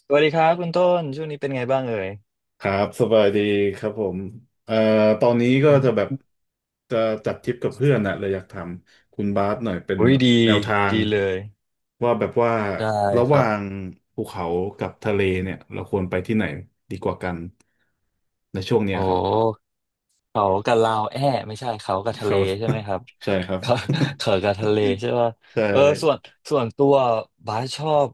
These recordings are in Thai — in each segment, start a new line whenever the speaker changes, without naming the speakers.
สวัสดีครับคุณต้นช่วงนี้เป็นไงบ้างเอ่ย
ครับสบายดีครับผมเอ่อตอนนี้ก็
อื
จะแบ
ม
บจะจัดทริปกับเพื่อนนะเลยอยากถามคุณบาสหน่อยเป็น
อุ้ย
แบบ
ดี
แนวทาง
ดีเลย
ว่าแบบว่า
ได้
ระ
ค
ห
รั
ว่า
บ
งภูเขากับทะเลเนี่ยเราควรไปที่ไหนดีกว่ากันในช่วงเนี้
โอ
ยครับ
้ เขากับลาวแอ้ไม่ใช่เขากับ
ค
ทะเล
รับ
ใช่ไหม ครับ
ใช่ครับ
เขา เขากับทะเลใช่ป่ะ
ใช่
เออส่วนตัวบาสชอบ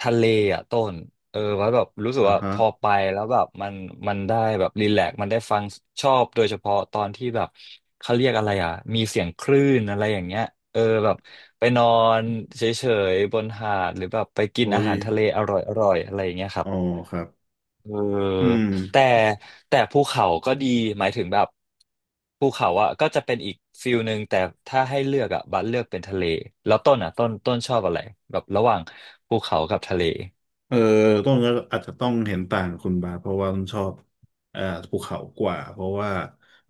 ทะเลอ่ะต้นเออบาสแบบรู้สึก
อ่า
ว่าพ
ฮะ
อไปแล้วแบบมันได้แบบรีแลกซ์มันได้ฟังชอบโดยเฉพาะตอนที่แบบเขาเรียกอะไรอ่ะมีเสียงคลื่นอะไรอย่างเงี้ยเออแบบไปนอนเฉยๆบนหาดหรือแบบไปกิน
อุ้
อา
ย
หารทะเลอร่อยๆอะไรอย่างเงี้ยครั
อ๋
บ
อครับ
เออ
อืม
แต่ภูเขาก็ดีหมายถึงแบบภูเขาอ่ะก็จะเป็นอีกฟิลหนึ่งแต่ถ้าให้เลือกอ่ะบัสเลือกเป็นทะเลแล้วต้นอ่ะต้นชอบอะไรแบบระหว่างภูเขากับทะเล
เออต้องก็อาจจะต้องเห็นต่างกับคุณบาสเพราะว่าต้นชอบอ่าภูเขากว่าเพราะว่า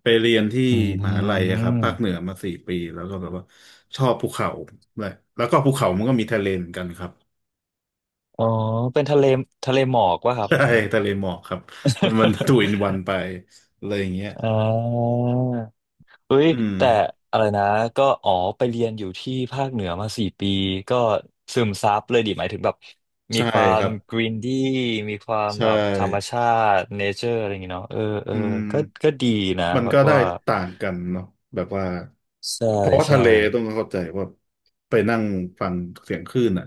ไปเรียนที่
อื
มหาลัยอะครับภาคเหนื
ม
อมาสี่ปีแล้วก็แบบว่าชอบภูเขาเลยแล้วก็ภูเขามันก็มีทะเลเหมือนกันครับ
อ๋อเป็นทะเลทะเลหมอกวะค รับ
ใช่
อย่างนั้น
ทะเลหมอกครับมันทูอินวันไปอะไรอย่างเงี้ย
อ่า เอ้ย
อืม
แต่อะไรนะก็อ๋อไปเรียนอยู่ที่ภาคเหนือมาสี่ปีก็ซึมซับเลยดิหมายถึงแบบมี
ใช่
ควา
ค
ม
รับ
กรีนดี้มีความ
ใช่
แบบธรรมชาติเนเจอร์อะไรอย่างเงี้ยเนาะเออเอ
อื
อ
ม
ก็ดีนะ
มัน
วั
ก็
ด
ได้
ว่า
ต่างกันเนาะแบบว่า
ใช่
เพราะว่าทะ
ใช่
เลต้องเข้าใจว่าไปนั่งฟังเสียงคลื่นอ่ะ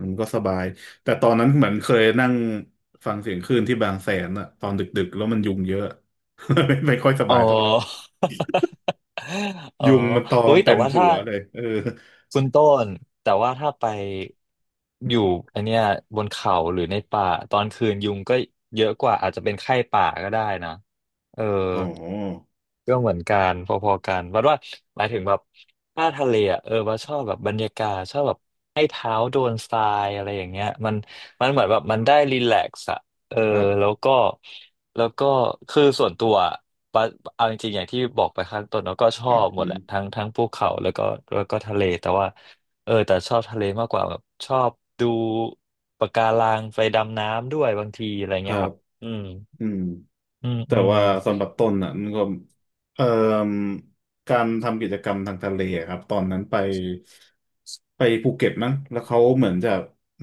มันก็สบายแต่ตอนนั้นเหมือนเคยนั่งฟังเสียงคลื่นที่บางแสนอ่ะตอนดึกๆแล้วมันยุงเยอะ ไม่ค่อยส
อ๋
บายเท่าไหร่
อ อ๋อ
ยุงมันตอ
เฮ้
ม
ย
เต็
แต่
ม
ว่า
หั
ถ้า
วเลยเออ
คุณต้นแต่ว่าถ้าไปอยู่อันเนี้ยบนเขาหรือในป่าตอนคืนยุงก็เยอะกว่าอาจจะเป็นไข้ป่าก็ได้นะเออ
อ๋อ
ก็เหมือนกันพอๆกันบัดว่าหมายถึงแบบถ้าทะเลอ่ะเออบัาชอบแบบบรรยากาศชอบแบบให้เท้าโดนทรายอะไรอย่างเงี้ยมันเหมือนแบบมันได้รีแลกซ์อ่ะเออ
ครั
แล้ว
บ
ก็แล้วก็คือส่วนตัวอะบัดเอาจริงๆอย่างที่บอกไปข้างต้นเราก็ชอบหม
อื
ดแหละ
ม
ทั้งภูเขาแล้วก็ทะเลแต่ว่าเออแต่ชอบทะเลมากกว่าแบบชอบดูปะการังไปดำน้ำด้วยบางทีอะไร
ค
เงี้
รั
ยค
บ
รับอืม
อืม
อืม
แต่
อืม
ว่าสำหรับต้นอ่ะมันก็เอ่อการทำกิจกรรมทางทะเลอะครับตอนนั้นไปภูเก็ตมั้งแล้วเขาเหมือนจะ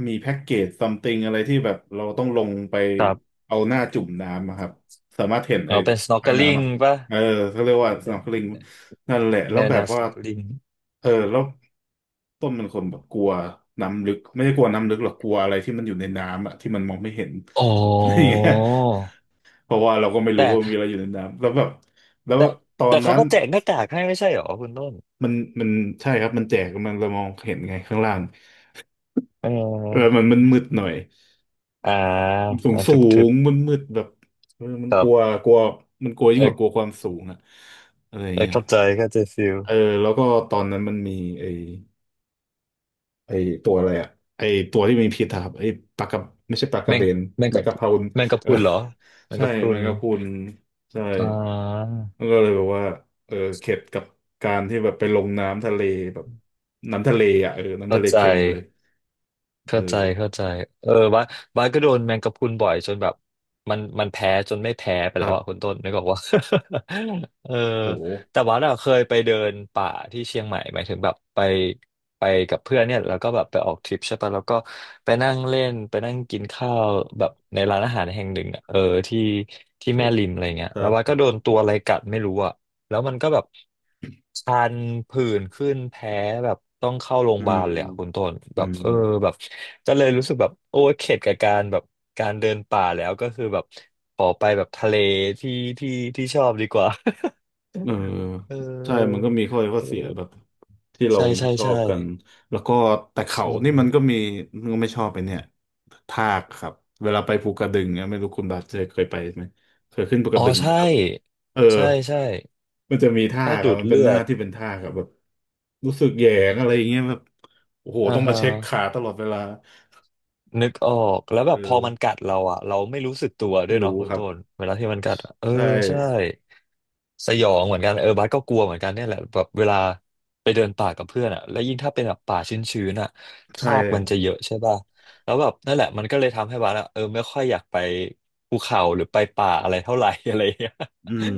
มีแพ็กเกจซัมติงอะไรที่แบบเราต้องลงไป
ครับ
เอาหน้าจุ่มน้ำอะครับสามารถเห็นไอ้
เอาเป็น
ไอ้น้ำ
snorkeling
อ่ะ
ป่ะ
เออเขาเรียกว่า
แน
snorkeling นั่นแหละ
ว
แล้วแบบว่า
snorkeling
เออแล้วต้นเป็นคนแบบกลัวน้ำลึกไม่ได้กลัวน้ำลึกหรอกกลัวอะไรที่มันอยู่ในน้ำอ่ะที่มันมองไม่เห็น
อ๋
อะไรอย่าง
อ
เงี้ย เพราะว่าเราก็ไม่รู้
แต่
ว่ามีอะไรอยู่ในน้ำแล้วแบบแล้ว
แต่
ตอน
เขา
นั้น
ก็แจกหน้ากากให้ไม่ใช่เหรอคุณต้น
มันมันใช่ครับมันแจกมันเรามองเห็นไงข้างล่าง
เ
เออ
ออ
มันมืดหน่อย
อ่า
สูง
อ่า
สู
ทึบ
งมันมืดแบบเออมัน
ค
ก
รั
ลัว
บ
กลัวมันกลัวยิ่
เอ
งกว่า
อ
กลัวความสูงอะอะไรอย่า
เอ
ง
อ
เงี้ย
เข้าใจเข้าใจฟิล
เออแล้วก็ตอนนั้นมันมีไอ้ไอ้ตัวอะไรอะไอ้ตัวที่มีพิษอะครับไอ้ปลากระไม่ใช่ปลาก
แม
ระ
ง
เบน
แมง
แม
กะ
ง
น
กะพรุน
แมงกะพ
เออ
รุนเหรอแมง
ใช่
กะพรุ
แม
น
งกะพรุนใช่
อ่า
ก็เลยแบบว่าเออเข็ดกับการที่แบบไปลงน้ำทะเลแบบน้ำทะเลอ่ะเออน้ำ
เข้า
ทะเล
ใจ
เค็มเลย
เข้าใจ
เออ
เออบ้าสก็โดนแมงกะพรุนบ่อยจนแบบมันแพ้จนไม่แพ้ไป
ค
แล้
รั
วอ่ะคุ
บ
ณต้นนึกออกว่า เออ
โห
แต่ว่าเราเคยไปเดินป่าที่เชียงใหม่หมายถึงแบบไปไปกับเพื่อนเนี่ยแล้วก็แบบไปออกทริปใช่ปะแล้วก็ไปนั่งเล่นไปนั่งกินข้าวแบบในร้านอาหารแห่งหนึ่งอะเออที่
เช
แม่
ฟ
ริมอะไรเงี้ย
ค
แล้
รั
ว
บ
ว่าส
ผ
ก็
ม
โดนตัวอะไรกัดไม่รู้อ่ะ แล้วมันก็แบบคันผื่นขึ้นแพ้แบบต้องเข้าโรงพ
อื
ยาบา
ม
ลเลยอะคุณต้น
อื
แบบ
ม
เออแบบก็เลยรู้สึกแบบโอ้เข็ดกับการแบบการเดินป่าแล้วก็คือแบบขอไปแบบทะเลที่ที่ชอบดีกว่า
เออ
เออ
ใช่มันก็มีข้อดีข้อ
เอ
เสียแบ
อ
บที่เรา
ใช่ใช่
ไม่ชอ
ใช่
บกันแล้วก็แต่
ใช
เขานี่มัน
่
ก็มีมันก็ไม่ชอบไปเนี่ยทากครับ เวลาไปภูกระดึงเนี่ยไม่รู้คุณบาสเจอเคยไปไหม เคยขึ้นภูก
อ๋อ
ระดึงไหม
ใช่
ครับเออ
ใช่ใช่
มันจะมีท่า
ถ้า
ครั
ดู
บ
ด
มันเป็น
เลื
ห
อ
น้า
ด
ที่เป็นท่าครับแบบรู้สึกแหยงอะไรอย่างเงี้ยแบบโอ้โห
อ่า
ต้องมา
ฮะ
เช็คขาตลอดเวลา
นึกออกแล้วแบ
เอ
บพอ
อ
มันกัดเราอ่ะเราไม่รู้สึกตัวด้
ไม่
วยเนาะ
รู้
คุณ
ครับ
ต้นเวลาที่มันกัดอะเออ
ใช่
ใช่สยองเหมือนกันเออบาสก็กลัวเหมือนกันเนี่ยแหละแบบเวลาไปเดินป่ากับเพื่อนอ่ะแล้วยิ่งถ้าเป็นแบบป่าชื้นๆอ่ะท
ใช่
รากมั
ค
น
รั
จะ
บ
เยอะใช่ป่ะแล้วแบบนั่นแหละมันก็เลยทำให้บาสอ่ะเออไม่ค่อยอยากไปภูเขาหรือไปป่าอะไรเท่าไหร่ อะไรอย่างเงี้ย
อืม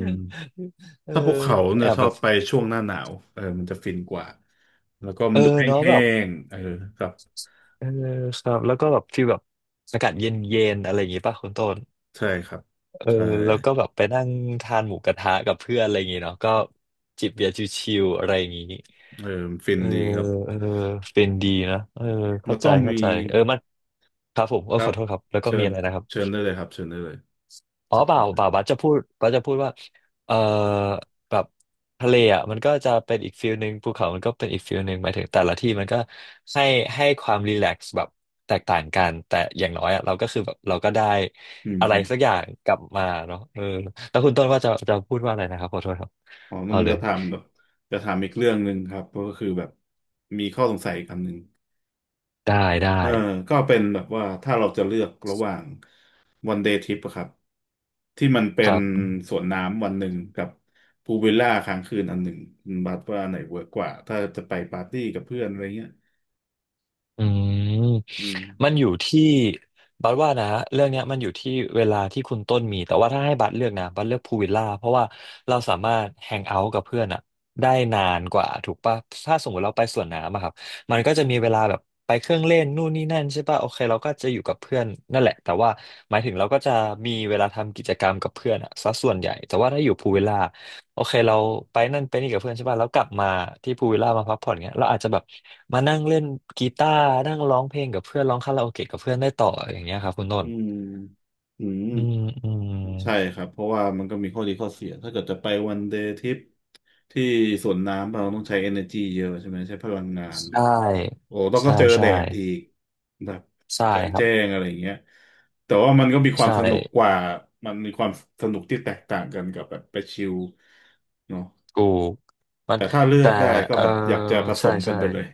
เออ
ถ้าภูเขาเนี่
แอ
ย
บ
ชอ
แบ
บ
บ
ไปช่วงหน้าหนาวเออมันจะฟินกว่าแล้วก็มั
เอ
นดู
อเนาะแบ
แห้
บ
งๆเออครับ
เออครับแล้วก็แบบฟีลแบบอากาศเย็นๆอะไรอย่างงี้ป่ะคุณต้น
ใช่ครับ
เออ
ใช่
แล้วก็แบบไปนั่งทานหมูกระทะกับเพื่อนอะไรอย่างงี้เนาะก็จิบเบียร์ชิวๆอะไรอย่างงี้
เออมันฟิ
เอ
น
อ
ดีครับ
เออเป็นดีนะเออ
แล้
เข้า
ว
ใจ
ก็มี
เออมันครับผมเอ
ค
อ
รั
ข
บ
อโทษครับแล้วก็
เชิ
มี
ญ
อะไรนะครับ
เชิญได้เลยครับเชิญได้เลย
อ๋อ
เชิ
เปล่า
ญได้เลยครับ
บัสจะพูดว่าเออแบบทะเลอ่ะมันก็จะเป็นอีกฟิลหนึ่งภูเขามันก็เป็นอีกฟิลหนึ่งหมายถึงแต่ละที่มันก็ให้ความรีแลกซ์แบบแตกต่างกันแต่อย่างน้อยอ่ะเราก็คือแบบเราก็ได้
อืม
อะไรสักอย่างกลับมาเนาะเออแล้วคุณต้นว่าจะพูดว่าอะไรนะครับขอโทษครับ
อ๋อน
เอา
น
เล
จะ
ย
ถามแบบจะถามอีกเรื่องหนึ่งครับก็คือแบบมีข้อสงสัยอีกอันหนึ่ง
ได้
เออก็เป็นแบบว่าถ้าเราจะเลือกระหว่างวันเดย์ทริปอะครับที่มันเป็
ค
น
รับ
สวนน้ำวันหนึ่งกับพูลวิลล่าค้างคืนอันหนึ่งคุณบัดว่าอันไหนเวิร์กกว่าถ้าจะไปปาร์ตี้กับเพื่อนอะไรเงี้ย
อืม
อืม
มันอยู่ที่บัสว่านะเรื่องเนี้ยมันอยู่ที่เวลาที่คุณต้นมีแต่ว่าถ้าให้บัสเลือกนะบัสเลือกพูลวิลล่าเพราะว่าเราสามารถแฮงเอาท์กับเพื่อนอะได้นานกว่าถูกปะถ้าสมมติเราไปสวนน้ำอะครับมันก็จะมีเวลาแบบไปเครื่องเล่นนู่นนี่นั่นใช่ปะโอเคเราก็จะอยู่กับเพื่อนนั่นแหละแต่ว่าหมายถึงเราก็จะมีเวลาทำกิจกรรมกับเพื่อนอะซะส่วนใหญ่แต่ว่าถ้าอยู่พูลวิลล่า โอเคเราไปนั่นไปนี่กับเพื่อนใช่ป่ะแล้วกลับมาที่พูลวิลล่ามาพักผ่อนเงี้ยเราอาจจะแบบมานั่งเล่นกีตาร์นั่งร้องเพลงกับเพื่อนร้องคาราโอเกะกับเพื่อนได้ต่ออย่างเงี้ยครับคุณต้น
อืมอืม
อืมอืม
ใช่ครับเพราะว่ามันก็มีข้อดีข้อเสียถ้าเกิดจะไปวันเดย์ทริปที่สวนน้ำเราต้องใช้ energy เยอะใช่ไหมใช้พลังงาน
ใช่
โอ้ต้องก็
ใช่
เจอแด
ใช่
ดอีกแบบ
ใช่
กลาง
ครับ
แจ้งอะไรอย่างเงี้ยแต่ว่ามันก็มีควา
ใช่
มสนุกกว่ามันมีความสนุกที่แตกต่างกันกับแบบไปชิลเนาะ
ถูกมัน
แต่ถ้าเลือ
แต่
กได้ก็
เออ
แบบอยากจะผส
ใช่
มกั
ใช่
นไปเลย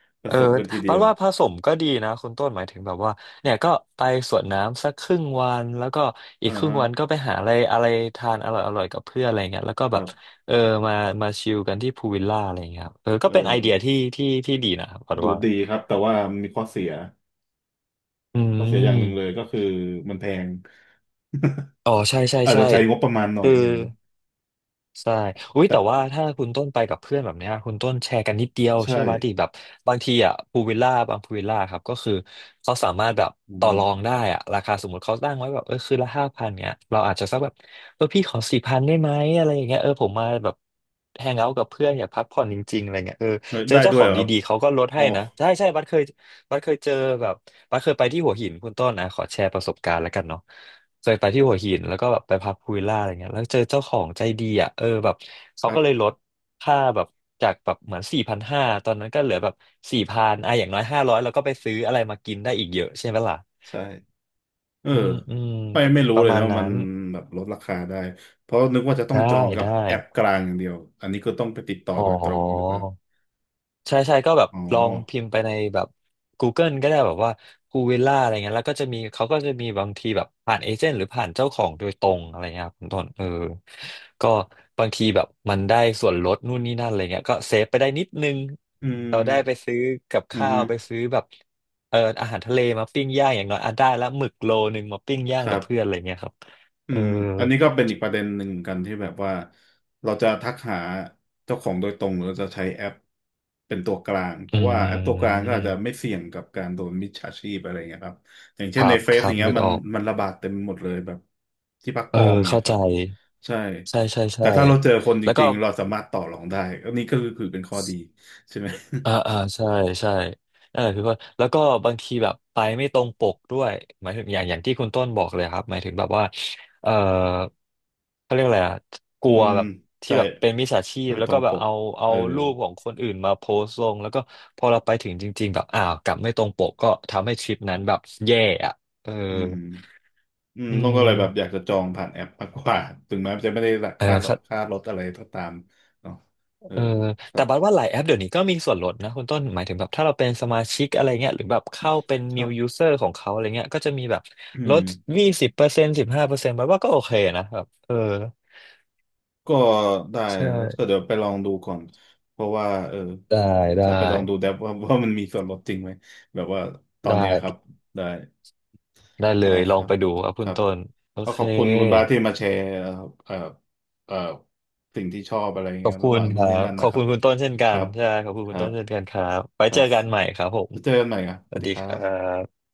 ผ
เออ
สมกันทีเดี
ปั
ย
ด
ว
ว่าผสมก็ดีนะคุณต้นหมายถึงแบบว่าเนี่ยก็ไปสวนน้ำสักครึ่งวันแล้วก็อี
อ่า
กครึ่ง
ฮะ
วันก็ไปหาอะไรอะไรทานอร่อยอร่อยกับเพื่อนอะไรเงี้ยแล้วก็
ค
แบ
รั
บ
บ
เออมามาชิลกันที่พูลวิลล่าอะไรเงี้ยครับเออก็
เอ
เป็นไอเดีย
อ
ที่ดีนะครับปัด
ดู
ว่า
ดีครับแต่ว่ามีข้อเสีย
อื
ข้อเสียอย่างหนึ่งเลย
ม
ก็คือมันแพง
อ๋อใช่ใช่
อาจ
ใช่
จะใช้งบประมาณหน่อ
คื
ย
อ
หนึ่ง
ใช่อุ้ย
แต่
แต่ว่าถ้าคุณต้นไปกับเพื่อนแบบเนี้ยคุณต้นแชร์กันนิดเดียว
ใช่
เชื่อป่ะดิแบบบางทีอ่ะพูวิลล่าบางพูวิลล่าครับ ก็คือเขาสามารถแบบ
อื
ต่อ
ม
รองได้อ่ะราคาสมมติเขาตั้งไว้แบบเออคืนละ5,000เนี้ยเราอาจจะสักแบบเออพี่ขอสี่พันได้ไหมอะไรอย่างเงี้ยเออผมมาแบบแฮงเอาท์กับเพื่อนอยากพักผ่อนจริงๆอะไรเงี้ยเออเจอ
ได้
เจ้า
ด้
ข
วย
อ
เห
ง
รอครับ
ดีๆเขาก็ลด
อ๋
ให้
อ
นะใช่ใช่บัสเคยเจอแบบบัสเคยไปที่หัวหินคุณต้นนะขอแชร์ประสบการณ์แล้วกันเนาะ จะไปที่หัวหินแล้วก็แบบไปพักพูวิลล่าอะไรเงี้ยแล้วเจอเจ้าของใจดีอ่ะเออแบบ
ค
เขา
รั
ก็เลย
บ
ลดค่าแบบจากแบบเหมือน4,500ตอนนั้นก็เหลือแบบสี่พันอ่ะอย่างน้อย500แล้วก็ไปซื้ออะไรมากินได้อีกเยอะใช่ไหมล่ะ
ใช่เออ
อืมอืม
ไม่
ป
ไม่รู้
ประ
เลย
มา
นะ
ณ
ว่า
นั้
มัน
น
แบบลดราคาได้เพราะนึกว่าจะต้อง
ได้
จองกับ
ได้
แอปกลางอย่างเดียวอันนี้ก็ต้องไปติดต่อ
อ๋อ
โดยตรงใช่ปะครับ
ใช่ใช่ก็แบบ
อ๋อ
ลองพิมพ์ไปในแบบ Google ก็ได้แบบว่าพูวิลล่าอะไรเงี้ยแล้วก็จะมีเขาก็จะมีบางทีแบบผ่านเอเจนต์หรือผ่านเจ้าของโดยตรงอะไรเงี้ยครับคุณต้นเออก็บางทีแบบมันได้ส่วนลดนู่นนี่นั่นอะไรเงี้ยก็เซฟไปได้นิดนึง
อืม
เราได้ไปซื้อกับ
อื
ข้าว
ม
ไปซื้อแบบเอออาหารทะเลมาปิ้งย่างอย่างน้อยอ่ะได้แล้วหมึกโลนึงมาปิ้งย่า
ค
ง
รั
กับเพื่อนอะ
บ
ไรเงี้ยครับ
อื
เออ
มอันนี้ก็เป็นอีกประเด็นหนึ่งเหมือนกันที่แบบว่าเราจะทักหาเจ้าของโดยตรงหรือเราจะใช้แอปเป็นตัวกลางเพ
อื
ราะว่าแอปตัวกลางก็อาจจะไม่
ม
เสี่ยงกับการโดนมิจฉาชีพอะไรเงี้ยครับอย่าง
ค
เช่นใน
รับ
เฟ
ค
ซอ
รั
ย่า
บ
งเงี้ย
นึก
มั
อ
น
อก
มันระบาดเต็มหมดเลยแบบที่พักป
เอ
ล
อ
อมอย่างเงี้
เข้า
ยค
ใจ
รับใช่
ใช่ใช่
แต่
ใช่
ถ้าเราเจอคนจ
แล้วก็
ริงๆเราสามารถต่อรองได้อันนี้ก็คือเป็นข้อดีใช่ไหม
อ่าอ่าใช่ใช่นั่นแหละพี่ว่าแล้วก็บางทีแบบไปไม่ตรงปกด้วยหมายถึงอย่างที่คุณต้นบอกเลยครับหมายถึงแบบว่าเออเขาเรียกอะไรอะก ลั
อื
ว
ม
แบบที่
ใช่
แบบเป็นมิจฉาชีพ
ไม่
แล้
ต
ว
ร
ก็
ง
แบ
ป
บ
ก
เอา
เออ
รูปของคนอื่นมาโพสต์ลงแล้วก็พอเราไปถึงจริงๆแบบอ้าวกลับไม่ตรงปกก็ทำให้ทริปนั้นแบบแย่อะเออ
อืม อืม
อื
ต้องก็เลยแบบอยาก
ม
จะจองผ่านแอปมากกว่าถึงแม้จะไม่ได้รา
เอ
คาลด
อ
ค่ารถอะไรก็ตามเนาะเออ
เออ
ค
แต่
รับ
บัดว่าหลายแอปเดี๋ยวนี้ก็มีส่วนลดนะคุณต้นหมายถึงแบบถ้าเราเป็นสมาชิกอะไรเงี้ยหรือแบบเข้าเป็น
ครั
new
บ
user ของเขาอะไรเงี้ยก็จะมีแบบ
อื
ล
ม
ด20%15%บัดว่าก็โอเคนะแบบเออ
ก็ได้
ใช่
แล้วก็เดี๋ยวไปลองดูก่อนเพราะว่าเออ
ได้ได้
จะไปลองดูแดปว่า ว่ามันมีส่วนลดจริงไหมแบบว่าตอน
ได้
เนี้ยครับได้
ได้เล
ได้
ยล
ค
อง
รับ
ไปดูครับ
ค
คุณ
รับ
ต้นโอ
ก็
เค
ขอบคุณคุณบาสที่มาแชร์เอ่อเอ่อสิ่งที่ชอบอะไร
ขอ
เงี้
บ
ย
คุ
ระห
ณ
ว่าง
ค
นู้น
รั
นี่
บ
นั่น
ขอ
นะ
บ
ครั
คุ
บ
ณคุณต้นเช่น
ค
กั
รั
น
บ
ใช่ขอบคุณ
ค
คุณ
รั
ต้
บ
นเช่นกันครับไว้
ครั
เจอ
บ
กันใหม่ครับผม
จะเจอกันใหม่ครับ
ส
สวั
วั
ส
ส
ดี
ดี
ค
ค
รั
รั
บ
บ